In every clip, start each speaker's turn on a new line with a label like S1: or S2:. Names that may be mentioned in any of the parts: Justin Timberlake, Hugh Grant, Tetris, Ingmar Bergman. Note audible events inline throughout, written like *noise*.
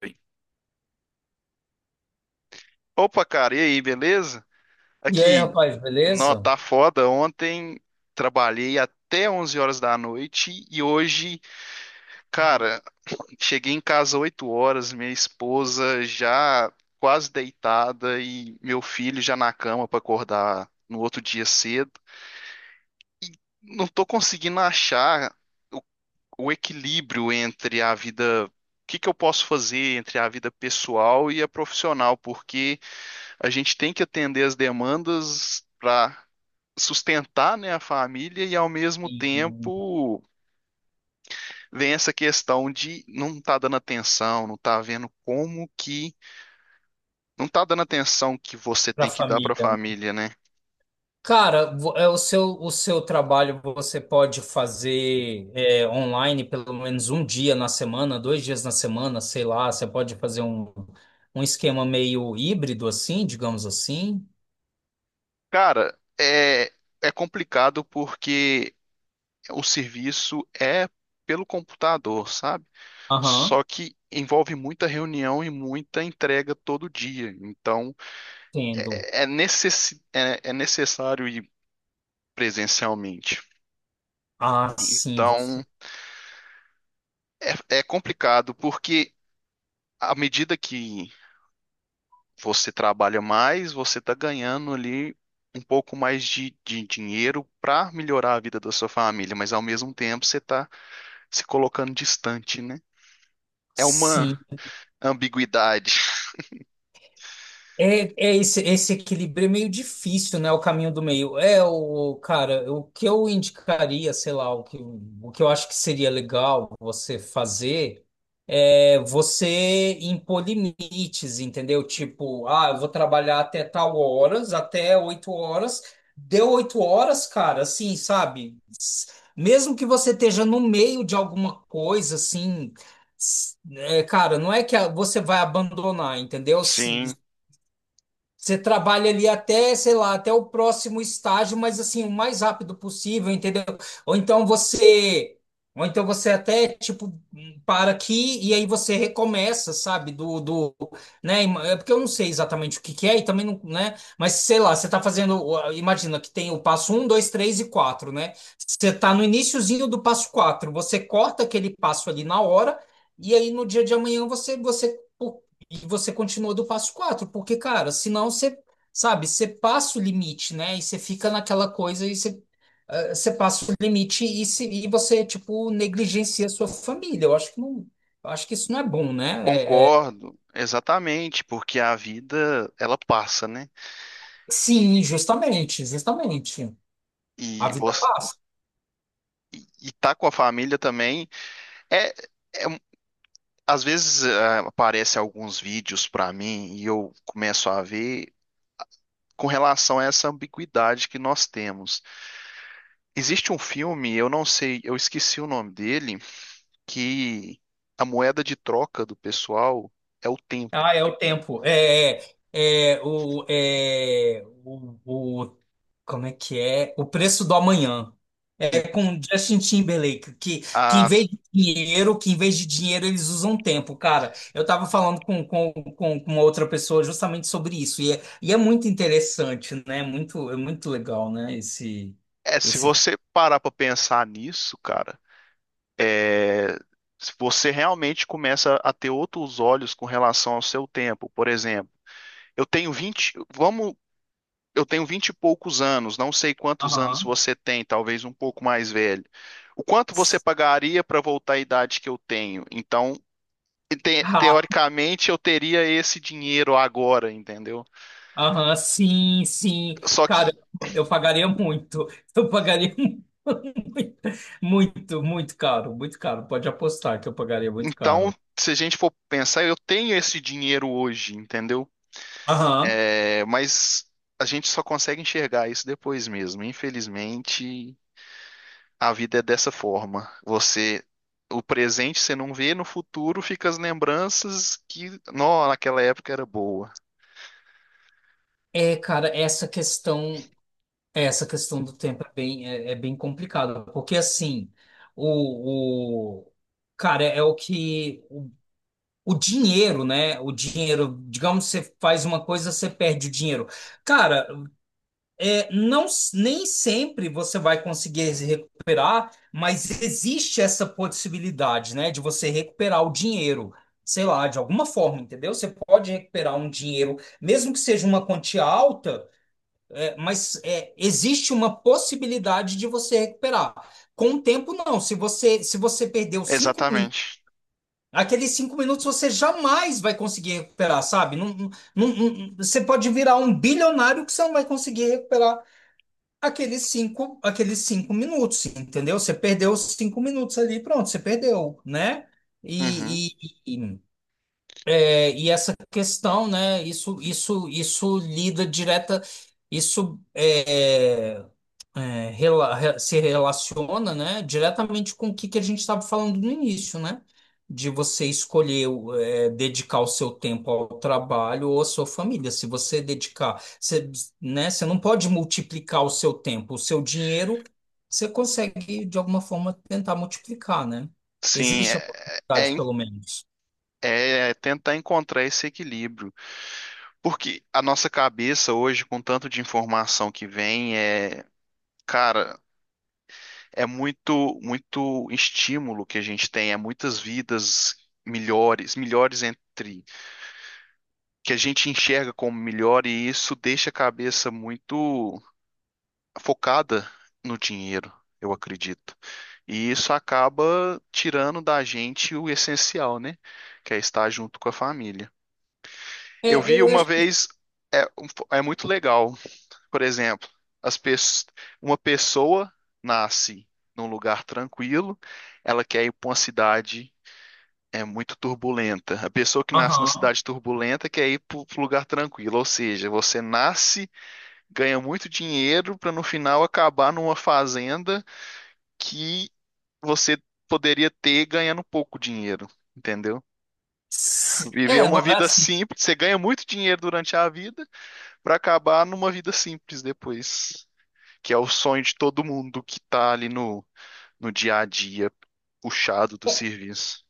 S1: Bem, opa, cara, e aí, beleza?
S2: E aí,
S1: Aqui,
S2: rapaz,
S1: nó,
S2: beleza?
S1: tá foda. Ontem trabalhei até 11 horas da noite e hoje, cara, *clears throat* cheguei em casa 8 horas, minha esposa já quase deitada e meu filho já na cama pra acordar no outro dia cedo. E não tô conseguindo achar o, o equilíbrio entre a vida, o que que eu posso fazer entre a vida pessoal e a profissional, porque a gente tem que atender as demandas para sustentar, né, a família e ao mesmo
S2: E
S1: tempo vem essa questão de não tá dando atenção, não tá vendo como que não tá dando atenção que você
S2: para a
S1: tem que dar para a
S2: família, né?
S1: família, né?
S2: Cara, o seu trabalho você pode fazer online pelo menos um dia na semana, dois dias na semana, sei lá. Você pode fazer um esquema meio híbrido assim, digamos assim.
S1: Cara, é complicado porque o serviço é pelo computador, sabe?
S2: Aham,
S1: Só que envolve muita reunião e muita entrega todo dia. Então,
S2: entendo.
S1: é necessário e presencialmente.
S2: Ah, sim, você.
S1: Então, é, é complicado, porque à medida que você trabalha mais, você está ganhando ali um pouco mais de dinheiro para melhorar a vida da sua família, mas ao mesmo tempo você está se colocando distante, né? É uma
S2: Sim.
S1: ambiguidade.
S2: É, é esse equilíbrio é meio difícil, né? O caminho do meio. É cara, o que eu indicaria, sei lá, o que eu acho que seria legal você fazer é você impor limites, entendeu? Tipo, ah, eu vou trabalhar até tal horas, até 8 horas. Deu oito horas, cara, assim, sabe? Mesmo que você esteja no meio de alguma coisa, assim. Cara, não é que você vai abandonar, entendeu?
S1: Sim,
S2: Você trabalha ali até, sei lá, até o próximo estágio, mas assim, o mais rápido possível, entendeu? Ou então você, ou então você até tipo para aqui e aí você recomeça, sabe? Né? É porque eu não sei exatamente o que que é e também não, né? Mas sei lá, você tá fazendo, imagina que tem o passo um, dois, três e quatro, né? Você tá no iniciozinho do passo quatro, você corta aquele passo ali na hora e aí no dia de amanhã você e você continua do passo quatro porque, cara, senão você, sabe, você passa o limite, né? E você fica naquela coisa e você, você passa o limite e, se, e você, tipo, negligencia a sua família. Eu acho que não, eu acho que isso não é bom, né?
S1: concordo, exatamente, porque a vida ela passa, né? E,
S2: Sim, justamente, justamente. A
S1: e
S2: vida
S1: você
S2: passa.
S1: e tá com a família também é, é. Às vezes aparece alguns vídeos para mim e eu começo a ver com relação a essa ambiguidade que nós temos. Existe um filme, eu não sei, eu esqueci o nome dele, que a moeda de troca do pessoal é o tempo.
S2: Ah, é o tempo. É como é que é? O preço do amanhã.
S1: Em-
S2: É com Justin Timberlake, que em
S1: a-
S2: vez de dinheiro, que em vez de dinheiro eles usam tempo, cara. Eu tava falando com uma outra pessoa justamente sobre isso, e é muito interessante, né? Muito, é muito legal, né?
S1: É, se
S2: Esse...
S1: você parar para pensar nisso, cara, é, se você realmente começa a ter outros olhos com relação ao seu tempo. Por exemplo, eu tenho 20, vamos eu tenho vinte e poucos anos, não sei quantos anos
S2: Aham.
S1: você tem, talvez um pouco mais velho. O quanto você pagaria para voltar à idade que eu tenho? Então, teoricamente, eu teria esse dinheiro agora, entendeu?
S2: Aham, sim, sim.
S1: Só que,
S2: Cara, eu pagaria muito. Eu pagaria *laughs* muito, muito, muito caro, muito caro. Pode apostar que eu pagaria muito
S1: então,
S2: caro.
S1: se a gente for pensar, eu tenho esse dinheiro hoje, entendeu?
S2: Aham.
S1: É, mas a gente só consegue enxergar isso depois mesmo. Infelizmente, a vida é dessa forma. Você, o presente você não vê, no futuro fica as lembranças que, não, naquela época era boa.
S2: É, cara, essa questão do tempo é bem, é bem complicada, porque assim, o cara é o que o dinheiro, né? O dinheiro, digamos, você faz uma coisa, você perde o dinheiro. Cara, não, nem sempre você vai conseguir se recuperar, mas existe essa possibilidade, né, de você recuperar o dinheiro, sei lá, de alguma forma, entendeu? Você pode recuperar um dinheiro, mesmo que seja uma quantia alta, existe uma possibilidade de você recuperar. Com o tempo, não. Se você, se você perdeu 5 minutos,
S1: Exatamente.
S2: aqueles 5 minutos você jamais vai conseguir recuperar, sabe? Não, você pode virar um bilionário que você não vai conseguir recuperar aqueles cinco, aqueles 5 minutos, entendeu? Você perdeu os 5 minutos ali, pronto, você perdeu, né?
S1: Uhum.
S2: E, e, e, e essa questão, né? Isso lida direta. Isso se relaciona, né, diretamente com que a gente estava falando no início, né? De você escolher dedicar o seu tempo ao trabalho ou à sua família. Se você dedicar, você, né, você não pode multiplicar o seu tempo, o seu dinheiro, você consegue, de alguma forma, tentar multiplicar, né?
S1: Sim,
S2: Existe a possibilidade, pelo menos.
S1: é tentar encontrar esse equilíbrio. Porque a nossa cabeça hoje, com tanto de informação que vem, é, cara, é muito, muito estímulo que a gente tem, é muitas vidas melhores entre que a gente enxerga como melhor, e isso deixa a cabeça muito focada no dinheiro, eu acredito. E isso acaba tirando da gente o essencial, né? Que é estar junto com a família.
S2: É,
S1: Eu vi
S2: eu
S1: uma
S2: acho que
S1: vez, é, é muito legal, por exemplo, as pes- uma pessoa nasce num lugar tranquilo, ela quer ir para uma cidade é muito turbulenta. A pessoa que nasce na
S2: Aham.
S1: cidade turbulenta quer ir para um lugar tranquilo, ou seja, você nasce ganha muito dinheiro para no final acabar numa fazenda que você poderia ter ganhando pouco dinheiro, entendeu? Viver
S2: É,
S1: uma
S2: não, é
S1: vida
S2: assim.
S1: simples, você ganha muito dinheiro durante a vida para acabar numa vida simples depois, que é o sonho de todo mundo que tá ali no dia a dia puxado do serviço.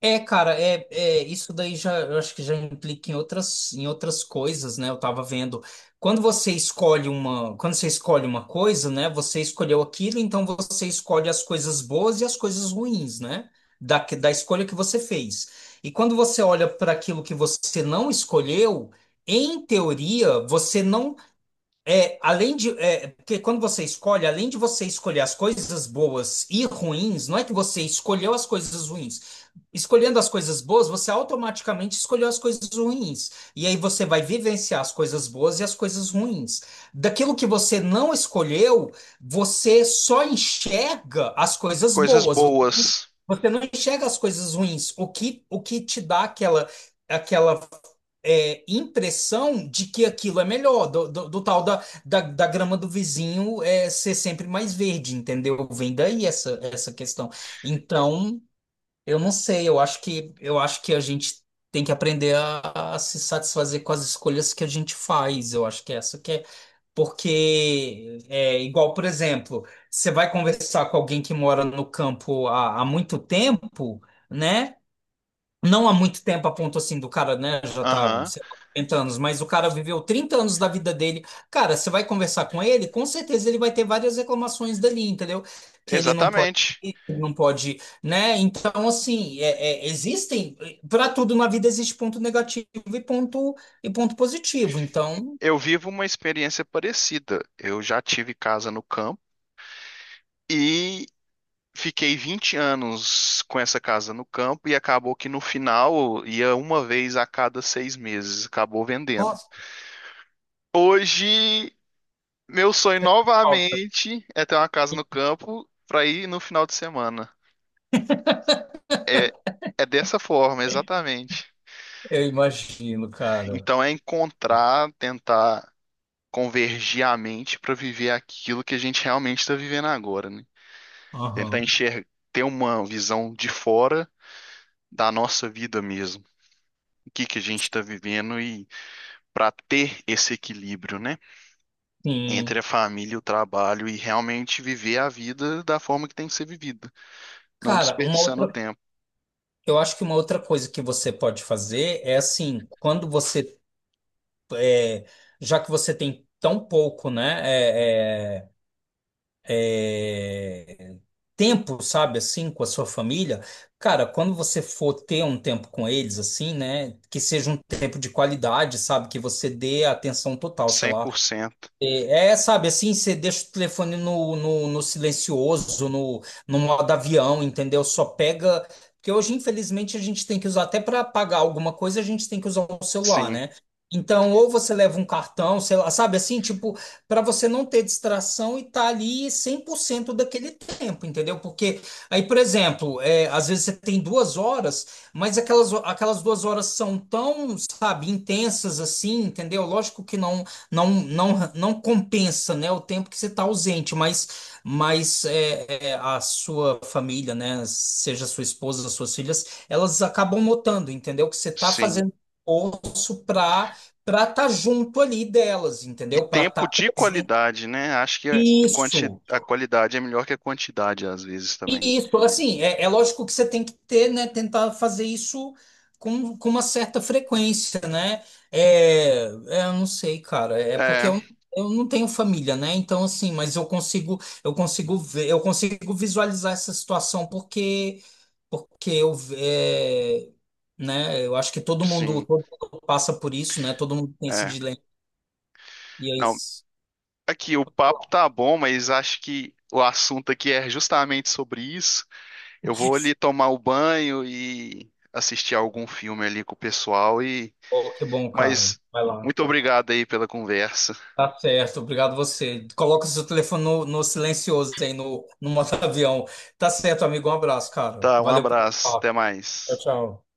S2: É isso daí já eu acho que já implica em outras coisas, né? Eu tava vendo quando você escolhe uma coisa, né? Você escolheu aquilo, então você escolhe as coisas boas e as coisas ruins, né? Da escolha que você fez. E quando você olha para aquilo que você não escolheu, em teoria, você não porque quando você escolhe, além de você escolher as coisas boas e ruins, não é que você escolheu as coisas ruins. Escolhendo as coisas boas, você automaticamente escolheu as coisas ruins. E aí você vai vivenciar as coisas boas e as coisas ruins. Daquilo que você não escolheu, você só enxerga as coisas
S1: Coisas
S2: boas.
S1: boas.
S2: Você não enxerga as coisas ruins. O que te dá aquela, aquela impressão de que aquilo é melhor, do tal da grama do vizinho é, ser sempre mais verde, entendeu? Vem daí essa, essa questão. Então, eu não sei, eu acho que a gente tem que aprender a se satisfazer com as escolhas que a gente faz, eu acho que é essa que é. Porque é igual, por exemplo, você vai conversar com alguém que mora no campo há muito tempo, né? Não há muito tempo a ponto assim do cara, né, já tá,
S1: Aham,
S2: sei lá, 40 anos, mas o cara viveu 30 anos da vida dele. Cara, você vai conversar com ele, com certeza ele vai ter várias reclamações dali, entendeu? Que ele não pode,
S1: exatamente.
S2: ir, que ele não pode, né? Então, assim, existem, para tudo na vida existe ponto negativo e ponto, e ponto positivo. Então,
S1: Eu vivo uma experiência parecida. Eu já tive casa no campo e fiquei 20 anos com essa casa no campo e acabou que no final ia uma vez a cada 6 meses, acabou vendendo.
S2: nossa,
S1: Hoje, meu sonho novamente é ter uma casa no campo para ir no final de semana. É, é dessa forma, exatamente.
S2: eu imagino, cara.
S1: Então é encontrar, tentar convergir a mente para viver aquilo que a gente realmente está vivendo agora, né? Tentar
S2: Aham.
S1: enxergar, ter uma visão de fora da nossa vida mesmo. O que que a gente está vivendo e para ter esse equilíbrio, né, entre
S2: Sim.
S1: a família e o trabalho e realmente viver a vida da forma que tem que ser vivida, não
S2: Cara, uma
S1: desperdiçando
S2: outra,
S1: tempo,
S2: eu acho que uma outra coisa que você pode fazer é assim, quando você já que você tem tão pouco, né, é, é, tempo, sabe, assim, com a sua família, cara, quando você for ter um tempo com eles, assim, né, que seja um tempo de qualidade, sabe, que você dê atenção total, sei
S1: cem
S2: lá,
S1: por cento.
S2: sabe, assim, você deixa o telefone no silencioso, no modo avião, entendeu? Só pega. Porque hoje, infelizmente, a gente tem que usar, até para pagar alguma coisa, a gente tem que usar o celular,
S1: Sim,
S2: né? Então, ou você leva um cartão, sei lá, sabe, assim, tipo, para você não ter distração e tá ali 100% daquele tempo, entendeu? Porque aí, por exemplo, às vezes você tem 2 horas, mas aquelas, aquelas 2 horas são tão, sabe, intensas assim, entendeu? Lógico que não não compensa, né, o tempo que você está ausente, a sua família, né, seja sua esposa, suas filhas, elas acabam notando, entendeu? Que você está
S1: sim.
S2: fazendo esforço para estar junto ali delas,
S1: E
S2: entendeu? Para estar
S1: tempo de
S2: presente.
S1: qualidade, né? Acho que
S2: Isso.
S1: a qualidade é melhor que a quantidade às vezes também.
S2: E isso, assim, é lógico que você tem que ter, né, tentar fazer isso com uma certa frequência, né? Eu não sei, cara, é porque
S1: É,
S2: eu não tenho família, né? Então, assim, mas eu consigo ver, eu consigo visualizar essa situação porque, porque eu, né, eu acho que
S1: sim,
S2: todo mundo passa por isso, né? Todo mundo tem esse
S1: é.
S2: dilema. E é
S1: Não,
S2: isso.
S1: aqui o papo tá bom, mas acho que o assunto aqui é justamente sobre isso. Eu vou ali tomar o banho e assistir algum filme ali com o pessoal. E
S2: Oh, que bom, cara.
S1: mas
S2: Vai lá.
S1: muito obrigado aí pela conversa.
S2: Tá certo, obrigado você. Coloca o seu telefone no silencioso aí, no modo avião. Tá certo, amigo, um abraço, cara.
S1: Tá, um
S2: Valeu pelo
S1: abraço, até
S2: papo. Tchau,
S1: mais.
S2: tchau.